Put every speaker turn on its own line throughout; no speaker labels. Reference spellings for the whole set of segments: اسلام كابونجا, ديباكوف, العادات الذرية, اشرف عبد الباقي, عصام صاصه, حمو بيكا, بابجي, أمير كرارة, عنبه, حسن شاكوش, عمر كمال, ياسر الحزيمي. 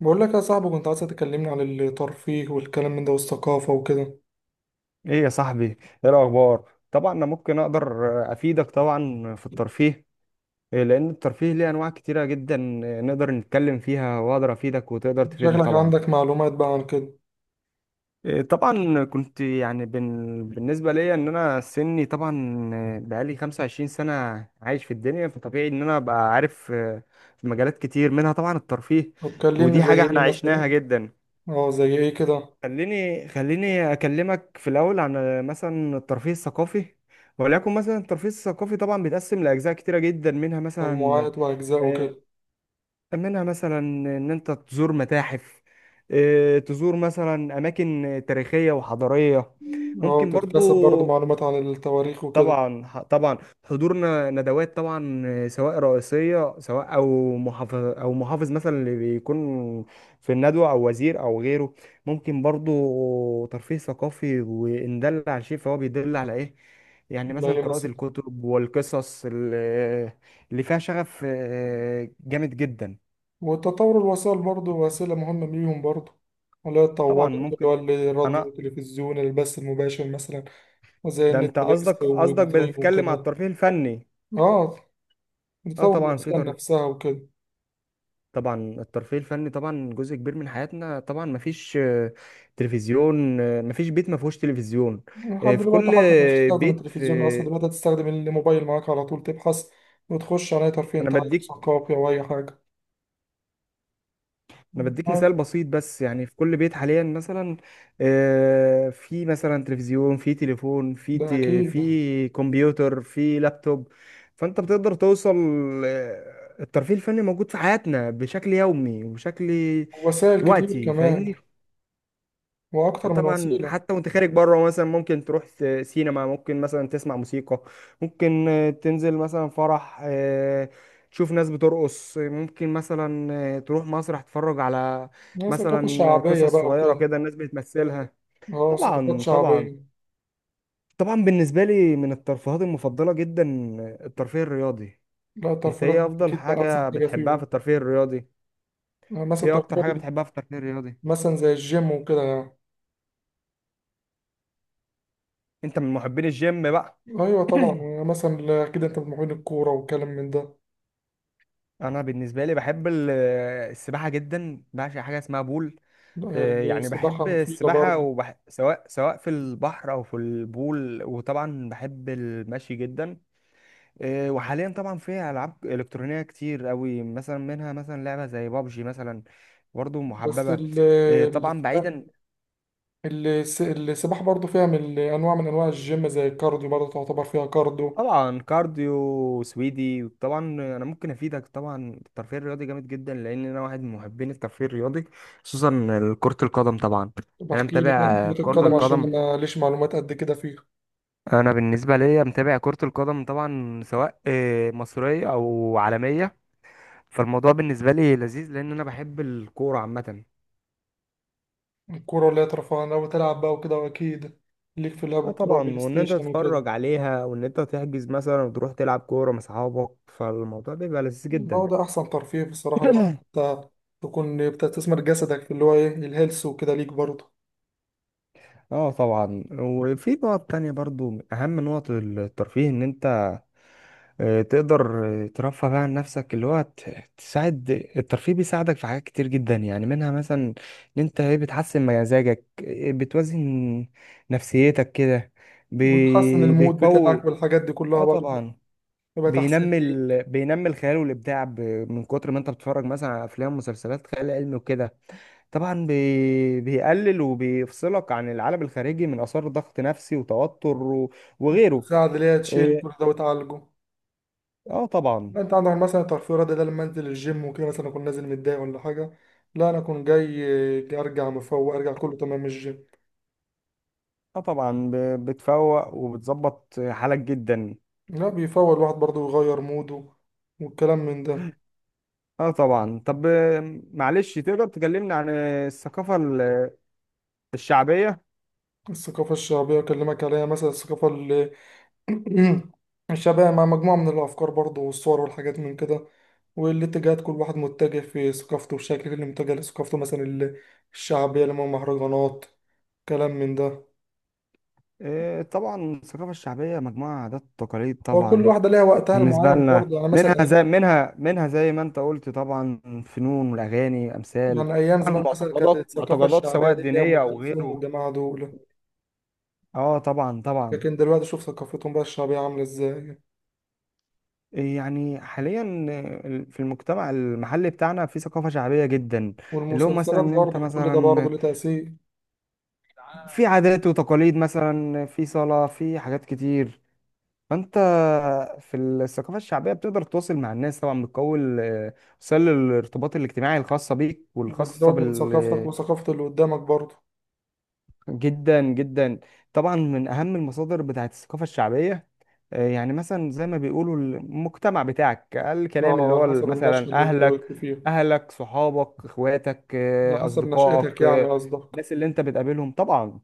بقول لك يا صاحبي، كنت عايز تكلمني عن الترفيه والكلام من ده والثقافة وكده.
ايه يا صاحبي؟ ايه الاخبار؟ طبعا انا ممكن اقدر افيدك طبعا في الترفيه. إيه، لان الترفيه ليه انواع كتيره جدا. إيه، نقدر نتكلم فيها واقدر افيدك وتقدر تفيدني
شكلك
طبعا.
عندك معلومات بقى عن كده.
إيه، طبعا كنت يعني بالنسبه ليا ان انا سني طبعا، إيه، بقالي 25 سنه عايش في الدنيا، فطبيعي ان انا ابقى عارف. إيه، في مجالات كتير منها طبعا الترفيه.
طب كلمني
ودي
زي
حاجه احنا
ايه مثلا.
عشناها جدا.
اه زي ايه كده.
خليني اكلمك في الاول عن مثلا الترفيه الثقافي. وليكن مثلا الترفيه الثقافي طبعا بيتقسم لاجزاء كتيره جدا، منها مثلا
مجموعات وأجزاء
آه،
وكده.
منها مثلا ان انت تزور متاحف، تزور مثلا اماكن تاريخيه وحضاريه.
اه
ممكن
تكتسب برضه
برضو.
معلومات عن التواريخ وكده.
طبعا حضورنا ندوات طبعا، سواء رئيسية، سواء او محافظ او محافظ مثلا اللي بيكون في الندوة، او وزير او غيره. ممكن برضو ترفيه ثقافي، وان دل على شيء فهو بيدل على ايه؟ يعني
لا
مثلا
ايه
قراءة
مثلا.
الكتب والقصص اللي فيها شغف جامد جدا.
والتطور الوسائل برضه وسيلة مهمة ليهم برضه، ولا
طبعا
اتطورت اللي هو
ممكن.
الراديو
انا
والتلفزيون البث المباشر مثلا. وزي
ده انت
النتفليكس
قصدك قصدك
والدرايف
بتتكلم على
وكده.
الترفيه الفني؟
اه
اه
تطور
طبعا. في
الوسائل نفسها وكده.
طبعا الترفيه الفني طبعا جزء كبير من حياتنا. طبعا مفيش تلفزيون، مفيش بيت مفيهوش تلفزيون.
لحد
في
دلوقتي
كل
حتى انت مش هتستخدم
بيت
التلفزيون اصلا،
في.
دلوقتي هتستخدم الموبايل معاك على طول تبحث وتخش على اي ترفيه
انا
انت عايزه
بديك
ثقافي او اي حاجه.
انا بديك مثال
آه،
بسيط بس، يعني في كل بيت حاليا مثلا في مثلا تلفزيون، في تليفون، في
ده اكيد.
في كمبيوتر، في لابتوب. فانت بتقدر توصل. الترفيه الفني موجود في حياتنا بشكل يومي وبشكل
وسائل كتير
وقتي،
كمان.
فاهمني؟
واكتر من
طبعا
وسيله.
حتى وانت خارج بره مثلا، ممكن سينما، ممكن مثلا تسمع موسيقى، ممكن تنزل مثلا فرح، تشوف ناس بترقص، ممكن مثلا تروح مسرح تتفرج على
يعني ثقافه
مثلا
شعبيه
قصص
بقى
صغيرة
وكده.
كده الناس بتمثلها.
اه ثقافات
طبعا طبعا
شعبيه.
طبعا. بالنسبة لي من الترفيهات المفضلة جدا الترفيه الرياضي.
لا
انت
الترفيهات
ايه
دي
افضل
اكيد بقى احسن
حاجة
حاجه
بتحبها في
فيهم.
الترفيه الرياضي؟
آه، مثلا
ايه اكتر
الترفيهات
حاجة بتحبها في الترفيه الرياضي؟
مثلا زي الجيم وكده يعني.
انت من محبين الجيم بقى؟
ايوه طبعا، يعني مثلا اكيد انت بتمرين الكوره والكلام من ده.
انا بالنسبه لي بحب السباحه جدا، بعشق حاجه اسمها بول. يعني
السباحه
بحب
مفيده
السباحه
برضه.
سواء في البحر او في البول، وطبعا بحب المشي جدا. وحاليا طبعا في العاب الكترونيه كتير قوي، مثلا منها مثلا لعبه زي بابجي مثلا، برضو
بس
محببه. طبعا بعيدا.
السباحة برضو فيها من أنواع من أنواع الجيم زي الكارديو، برضو تعتبر فيها كارديو.
طبعا كارديو سويدي طبعا. انا ممكن افيدك طبعا. الترفيه الرياضي جامد جدا لان انا واحد من محبين الترفيه الرياضي، خصوصا كرة القدم طبعا. انا
بحكي لك عن
متابع
كرة
كرة
القدم عشان
القدم.
أنا ليش معلومات قد كده فيها.
انا بالنسبة ليا متابع كرة القدم طبعا، سواء مصرية او عالمية، فالموضوع بالنسبة لي لذيذ لان انا بحب الكورة عامة.
الكورة اللي هي ترفيه أنا بتلعب بقى وكده، وأكيد ليك في لعب
اه
الكورة والبلاي
طبعا، وان انت
ستيشن وكده.
تتفرج عليها وان انت تحجز مثلا وتروح تلعب كورة مع اصحابك، فالموضوع بيبقى لذيذ
هو
جدا.
ده أحسن ترفيه بصراحة اللي هو أنت تكون بتستثمر جسدك في اللي هو إيه الهيلث وكده ليك برضه.
اه طبعا. وفي نقط تانية برضو من اهم نقط الترفيه ان انت تقدر ترفه بقى عن نفسك، اللي هو تساعد. الترفيه بيساعدك في حاجات كتير جدا، يعني منها مثلا ان انت ايه بتحسن مزاجك، إيه بتوازن نفسيتك كده،
وتحسن المود بتاعك
بيقوي.
والحاجات دي كلها
اه
برضه،
طبعا.
يبقى تحسين ليك.
بينمي الخيال والابداع. من كتر ما انت بتتفرج مثلا على افلام ومسلسلات خيال علمي وكده. طبعا بيقلل وبيفصلك عن العالم الخارجي من آثار ضغط نفسي وتوتر وغيره.
بتساعد اللي هي تشيل كل
إيه،
ده وتعالجه.
اه طبعا.
لا انت عندك مثلا الترفيه الرياضي ده، لما انزل الجيم وكده مثلا اكون نازل متضايق ولا حاجه. لا انا اكون جاي ارجع مفوق، ارجع كله تمام من الجيم.
اه طبعا بتفوق وبتظبط حالك جدا.
لا بيفوق الواحد برضه يغير موده والكلام من ده.
اه طبعا. طب معلش تقدر تكلمني عن الثقافة الشعبية؟
الثقافه الشعبيه اكلمك عليها مثلا، الثقافه الشعبيه مع مجموعه من الافكار برضه والصور والحاجات من كده. والاتجاهات كل واحد متجه في ثقافته، والشكل اللي متجه لثقافته مثلا الشعبيه اللي هم مهرجانات كلام من ده.
طبعا الثقافة الشعبية مجموعة عادات وتقاليد
وكل
طبعا،
واحدة ليها وقتها
بالنسبة
المعين
لنا
برضه، يعني مثلا.
منها زي منها زي ما انت قلت طبعا، فنون والأغاني أمثال،
يعني أيام
طبعا
زمان مثلا كانت
معتقدات
الثقافة
معتقدات
الشعبية
سواء
دي اللي هي أم
دينية أو
كلثوم
غيره.
والجماعة دول.
اه طبعا طبعا.
لكن دلوقتي شوف ثقافتهم بقى الشعبية عاملة إزاي.
يعني حاليا في المجتمع المحلي بتاعنا في ثقافة شعبية جدا، اللي هو مثلا
والمسلسلات
ان انت
برضه كل ده برضه
مثلا
ليه تأثير.
في عادات وتقاليد، مثلا في صلاة، في حاجات كتير. فانت في الثقافة الشعبية بتقدر تتواصل مع الناس طبعا. بتكون وسائل الارتباط الاجتماعي الخاصة بيك والخاصة
وبتزود من
بال.
ثقافتك وثقافة اللي قدامك برضه.
جدا جدا. طبعا من اهم المصادر بتاعت الثقافه الشعبيه يعني مثلا زي ما بيقولوا المجتمع بتاعك، الكلام
اه
اللي
على
هو
حسب النشأة
مثلا
اللي أنت
اهلك،
وقفت فيها.
اهلك صحابك اخواتك
على حسب نشأتك
اصدقائك،
يعني قصدك.
الناس اللي انت بتقابلهم طبعا.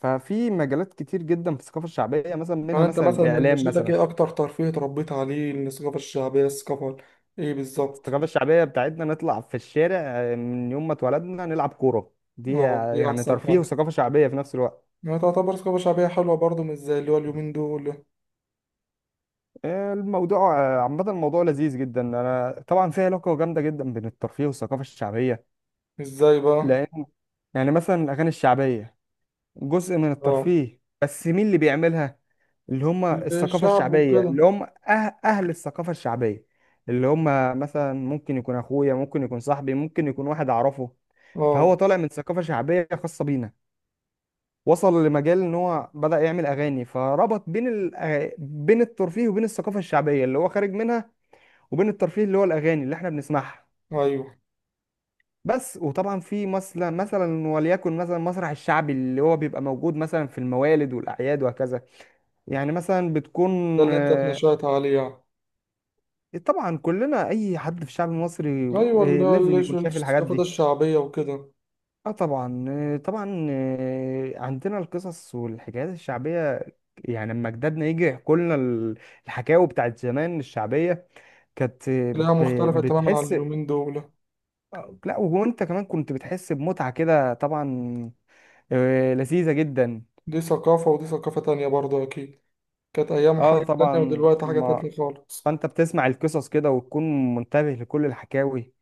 ففي مجالات كتير جدا في الثقافه الشعبيه، مثلا
يعني
منها
أنت
مثلا
مثلا من
الاعلام
نشأتك
مثلا.
إيه أكتر ترفيه اتربيت عليه من الثقافة الشعبية، الثقافة إيه بالظبط؟
الثقافه الشعبيه بتاعتنا نطلع في الشارع من يوم ما اتولدنا نلعب كوره، دي
اه دي
يعني
أحسن
ترفيه
حاجة.
وثقافه شعبيه في نفس الوقت.
يعني تعتبر ثقافة شعبية حلوة برضه، مش زي اللي هو اليومين دول.
الموضوع عامة الموضوع لذيذ جدا. أنا طبعا في علاقة جامدة جدا بين الترفيه والثقافة الشعبية،
إزاي بقى؟
لأن يعني مثلا الأغاني الشعبية جزء من
اه
الترفيه، بس مين اللي بيعملها؟ اللي هم الثقافة
للشعب
الشعبية،
وكده.
اللي هم أهل الثقافة الشعبية، اللي هم مثلا ممكن يكون أخويا، ممكن يكون صاحبي، ممكن يكون واحد أعرفه. فهو
اه
طالع من ثقافة شعبية خاصة بينا، وصل لمجال إن هو بدأ يعمل أغاني، فربط بين بين الترفيه وبين الثقافة الشعبية اللي هو خارج منها، وبين الترفيه اللي هو الاغاني اللي احنا بنسمعها
ايوه
بس. وطبعا في مثلا وليكن مثلا المسرح الشعبي اللي هو بيبقى موجود مثلا في الموالد والاعياد وهكذا. يعني مثلا بتكون
ده اللي انت
آه،
اتنشأت عليه يعني.
طبعا كلنا اي حد في الشعب المصري
ايوه اللي هو
لازم يكون شايف الحاجات
الثقافات
دي.
الشعبية وكده.
اه طبعا طبعا عندنا القصص والحكايات الشعبيه، يعني لما جدادنا يجي يحكوا لنا الحكاوي بتاعت زمان الشعبيه، كانت
تلاقيها مختلفة تماما عن
بتحس
اليومين دول.
لا وانت كمان كنت بتحس بمتعة كده طبعا، لذيذة جدا.
دي ثقافة ودي ثقافة تانية برضه أكيد. كانت أيام
اه
حاجة تانية،
طبعا
ودلوقتي حاجة
ما.
تانية خالص.
فانت بتسمع القصص كده وتكون منتبه لكل الحكاوي،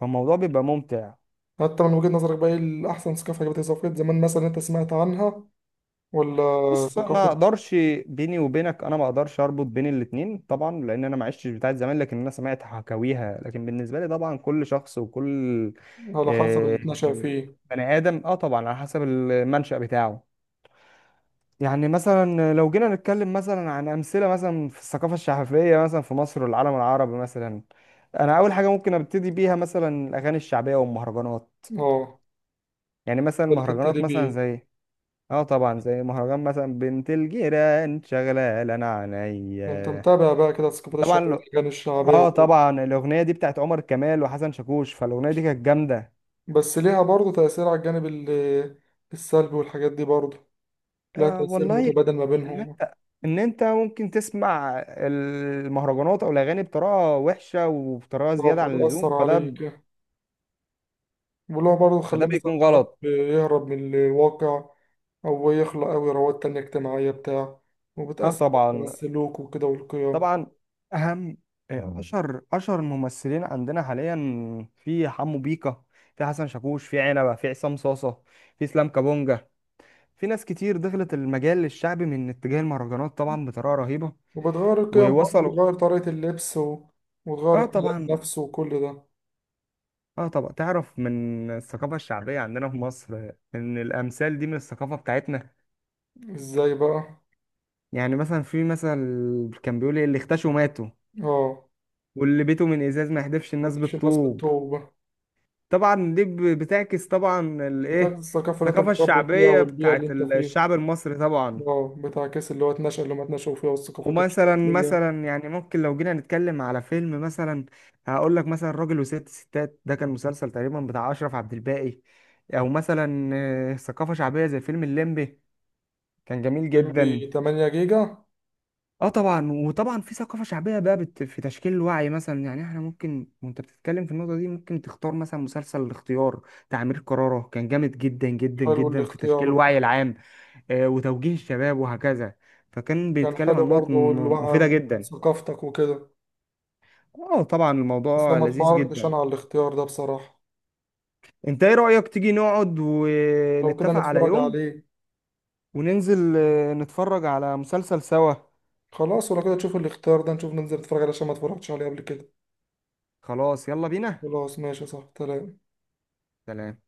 فالموضوع بيبقى ممتع.
حتى من وجهة نظرك بقى، إيه الأحسن ثقافة؟ كانت ثقافة زمان مثلا أنت سمعت عنها، ولا
بص ما
ثقافة
اقدرش. بيني وبينك انا ما اقدرش اربط بين الاتنين طبعا، لان انا ما عشتش بتاعت زمان، لكن انا سمعت حكاويها. لكن بالنسبة لي طبعا كل شخص وكل
على حسب اللي
آه،
اتنشأ فيه.
بني ادم، اه طبعا على حسب المنشأ بتاعه. يعني مثلا لو جينا نتكلم مثلا عن أمثلة مثلا في الثقافة الشعبية مثلا في مصر والعالم العربي مثلا، أنا أول حاجة ممكن أبتدي بيها مثلا الأغاني الشعبية والمهرجانات.
اه
يعني مثلا
ده اللي
المهرجانات
تبتدي
مثلا
بيه.
زي، اه طبعا زي مهرجان مثلا بنت الجيران شغلة انا
ده أنت
عينيا.
متابع بقى كده الثقافات
طبعا
الشعبية والأغاني الشعبية
اه
وكده.
طبعا الأغنية دي بتاعت عمر كمال وحسن شاكوش، فالأغنية دي كانت جامدة.
بس ليها برضه تأثير على الجانب السلبي والحاجات دي برضه. لها
آه
تأثير
والله.
متبادل ما
ان
بينهم.
انت ان انت ممكن تسمع المهرجانات او الاغاني بطريقه وحشه وبطريقه
اه
زياده عن اللزوم،
فتأثر
فده
عليك. واللي هو برضه تخليه
فده
مثلا
بيكون
تعرف
غلط.
يهرب من الواقع. أو يخلق أوي روابط تانية اجتماعية بتاع.
اه
وبتأثر على
طبعا
السلوك وكده والقيم.
طبعا. اهم اشهر الممثلين عندنا حاليا، في حمو بيكا، في حسن شاكوش، في عنبه، في عصام صاصه، في اسلام كابونجا، في ناس كتير دخلت المجال الشعبي من اتجاه المهرجانات طبعا بطريقه رهيبه،
وبتغير القيم برضه،
ووصلوا.
بتغير طريقة اللبس و... وتغير
اه
الكلام
طبعا.
نفسه وكل ده.
اه طبعا تعرف من الثقافة الشعبية عندنا في مصر ان الامثال دي من الثقافة بتاعتنا.
ازاي بقى؟
يعني مثلا في مثل كان بيقول إيه، اللي اختشوا ماتوا،
اه
واللي بيته من ازاز ما يحدفش الناس
محدش الناس
بالطوب.
بالتوبة.
طبعا دي بتعكس طبعا
بتعكس
الايه،
الثقافة اللي انت
الثقافة
متربي فيها
الشعبية
والبيئة اللي
بتاعت
انت فيها.
الشعب المصري طبعا.
اه بتاع كاس اللي هو اتنشأ اللي ما اتنشأوا فيها وثقافته مش
ومثلا
شعبية.
مثلا يعني ممكن، لو جينا نتكلم على فيلم مثلا هقول لك مثلا راجل وست ستات. ده كان مسلسل تقريبا بتاع اشرف عبد الباقي. او مثلا ثقافة شعبية زي فيلم الليمبي، كان جميل
جنبي
جدا.
8 جيجا.
اه طبعا. وطبعا في ثقافة شعبية بقى في تشكيل الوعي مثلا، يعني احنا ممكن وانت بتتكلم في النقطة دي ممكن تختار مثلا مسلسل الاختيار بتاع أمير كرارة، كان جامد جدا جدا
حلو
جدا في تشكيل
الاختيار بقى.
الوعي العام. آه وتوجيه الشباب وهكذا. فكان
كان
بيتكلم
حلو
عن نقط
برضه اللي بقى
مفيدة
من
جدا.
ثقافتك وكده.
اه طبعا
بس
الموضوع
لما
لذيذ
اتفرجتش
جدا.
انا على الاختيار ده بصراحة.
انت ايه رأيك تيجي نقعد
لو كده
ونتفق على
نتفرج
يوم
عليه.
وننزل نتفرج على مسلسل سوا؟
خلاص، ولو كده تشوف الاختيار ده نشوف ننزل نتفرج عليه عشان ما اتفرجتش عليه قبل كده.
خلاص يلا بينا.
خلاص ماشي صح تمام.
سلام.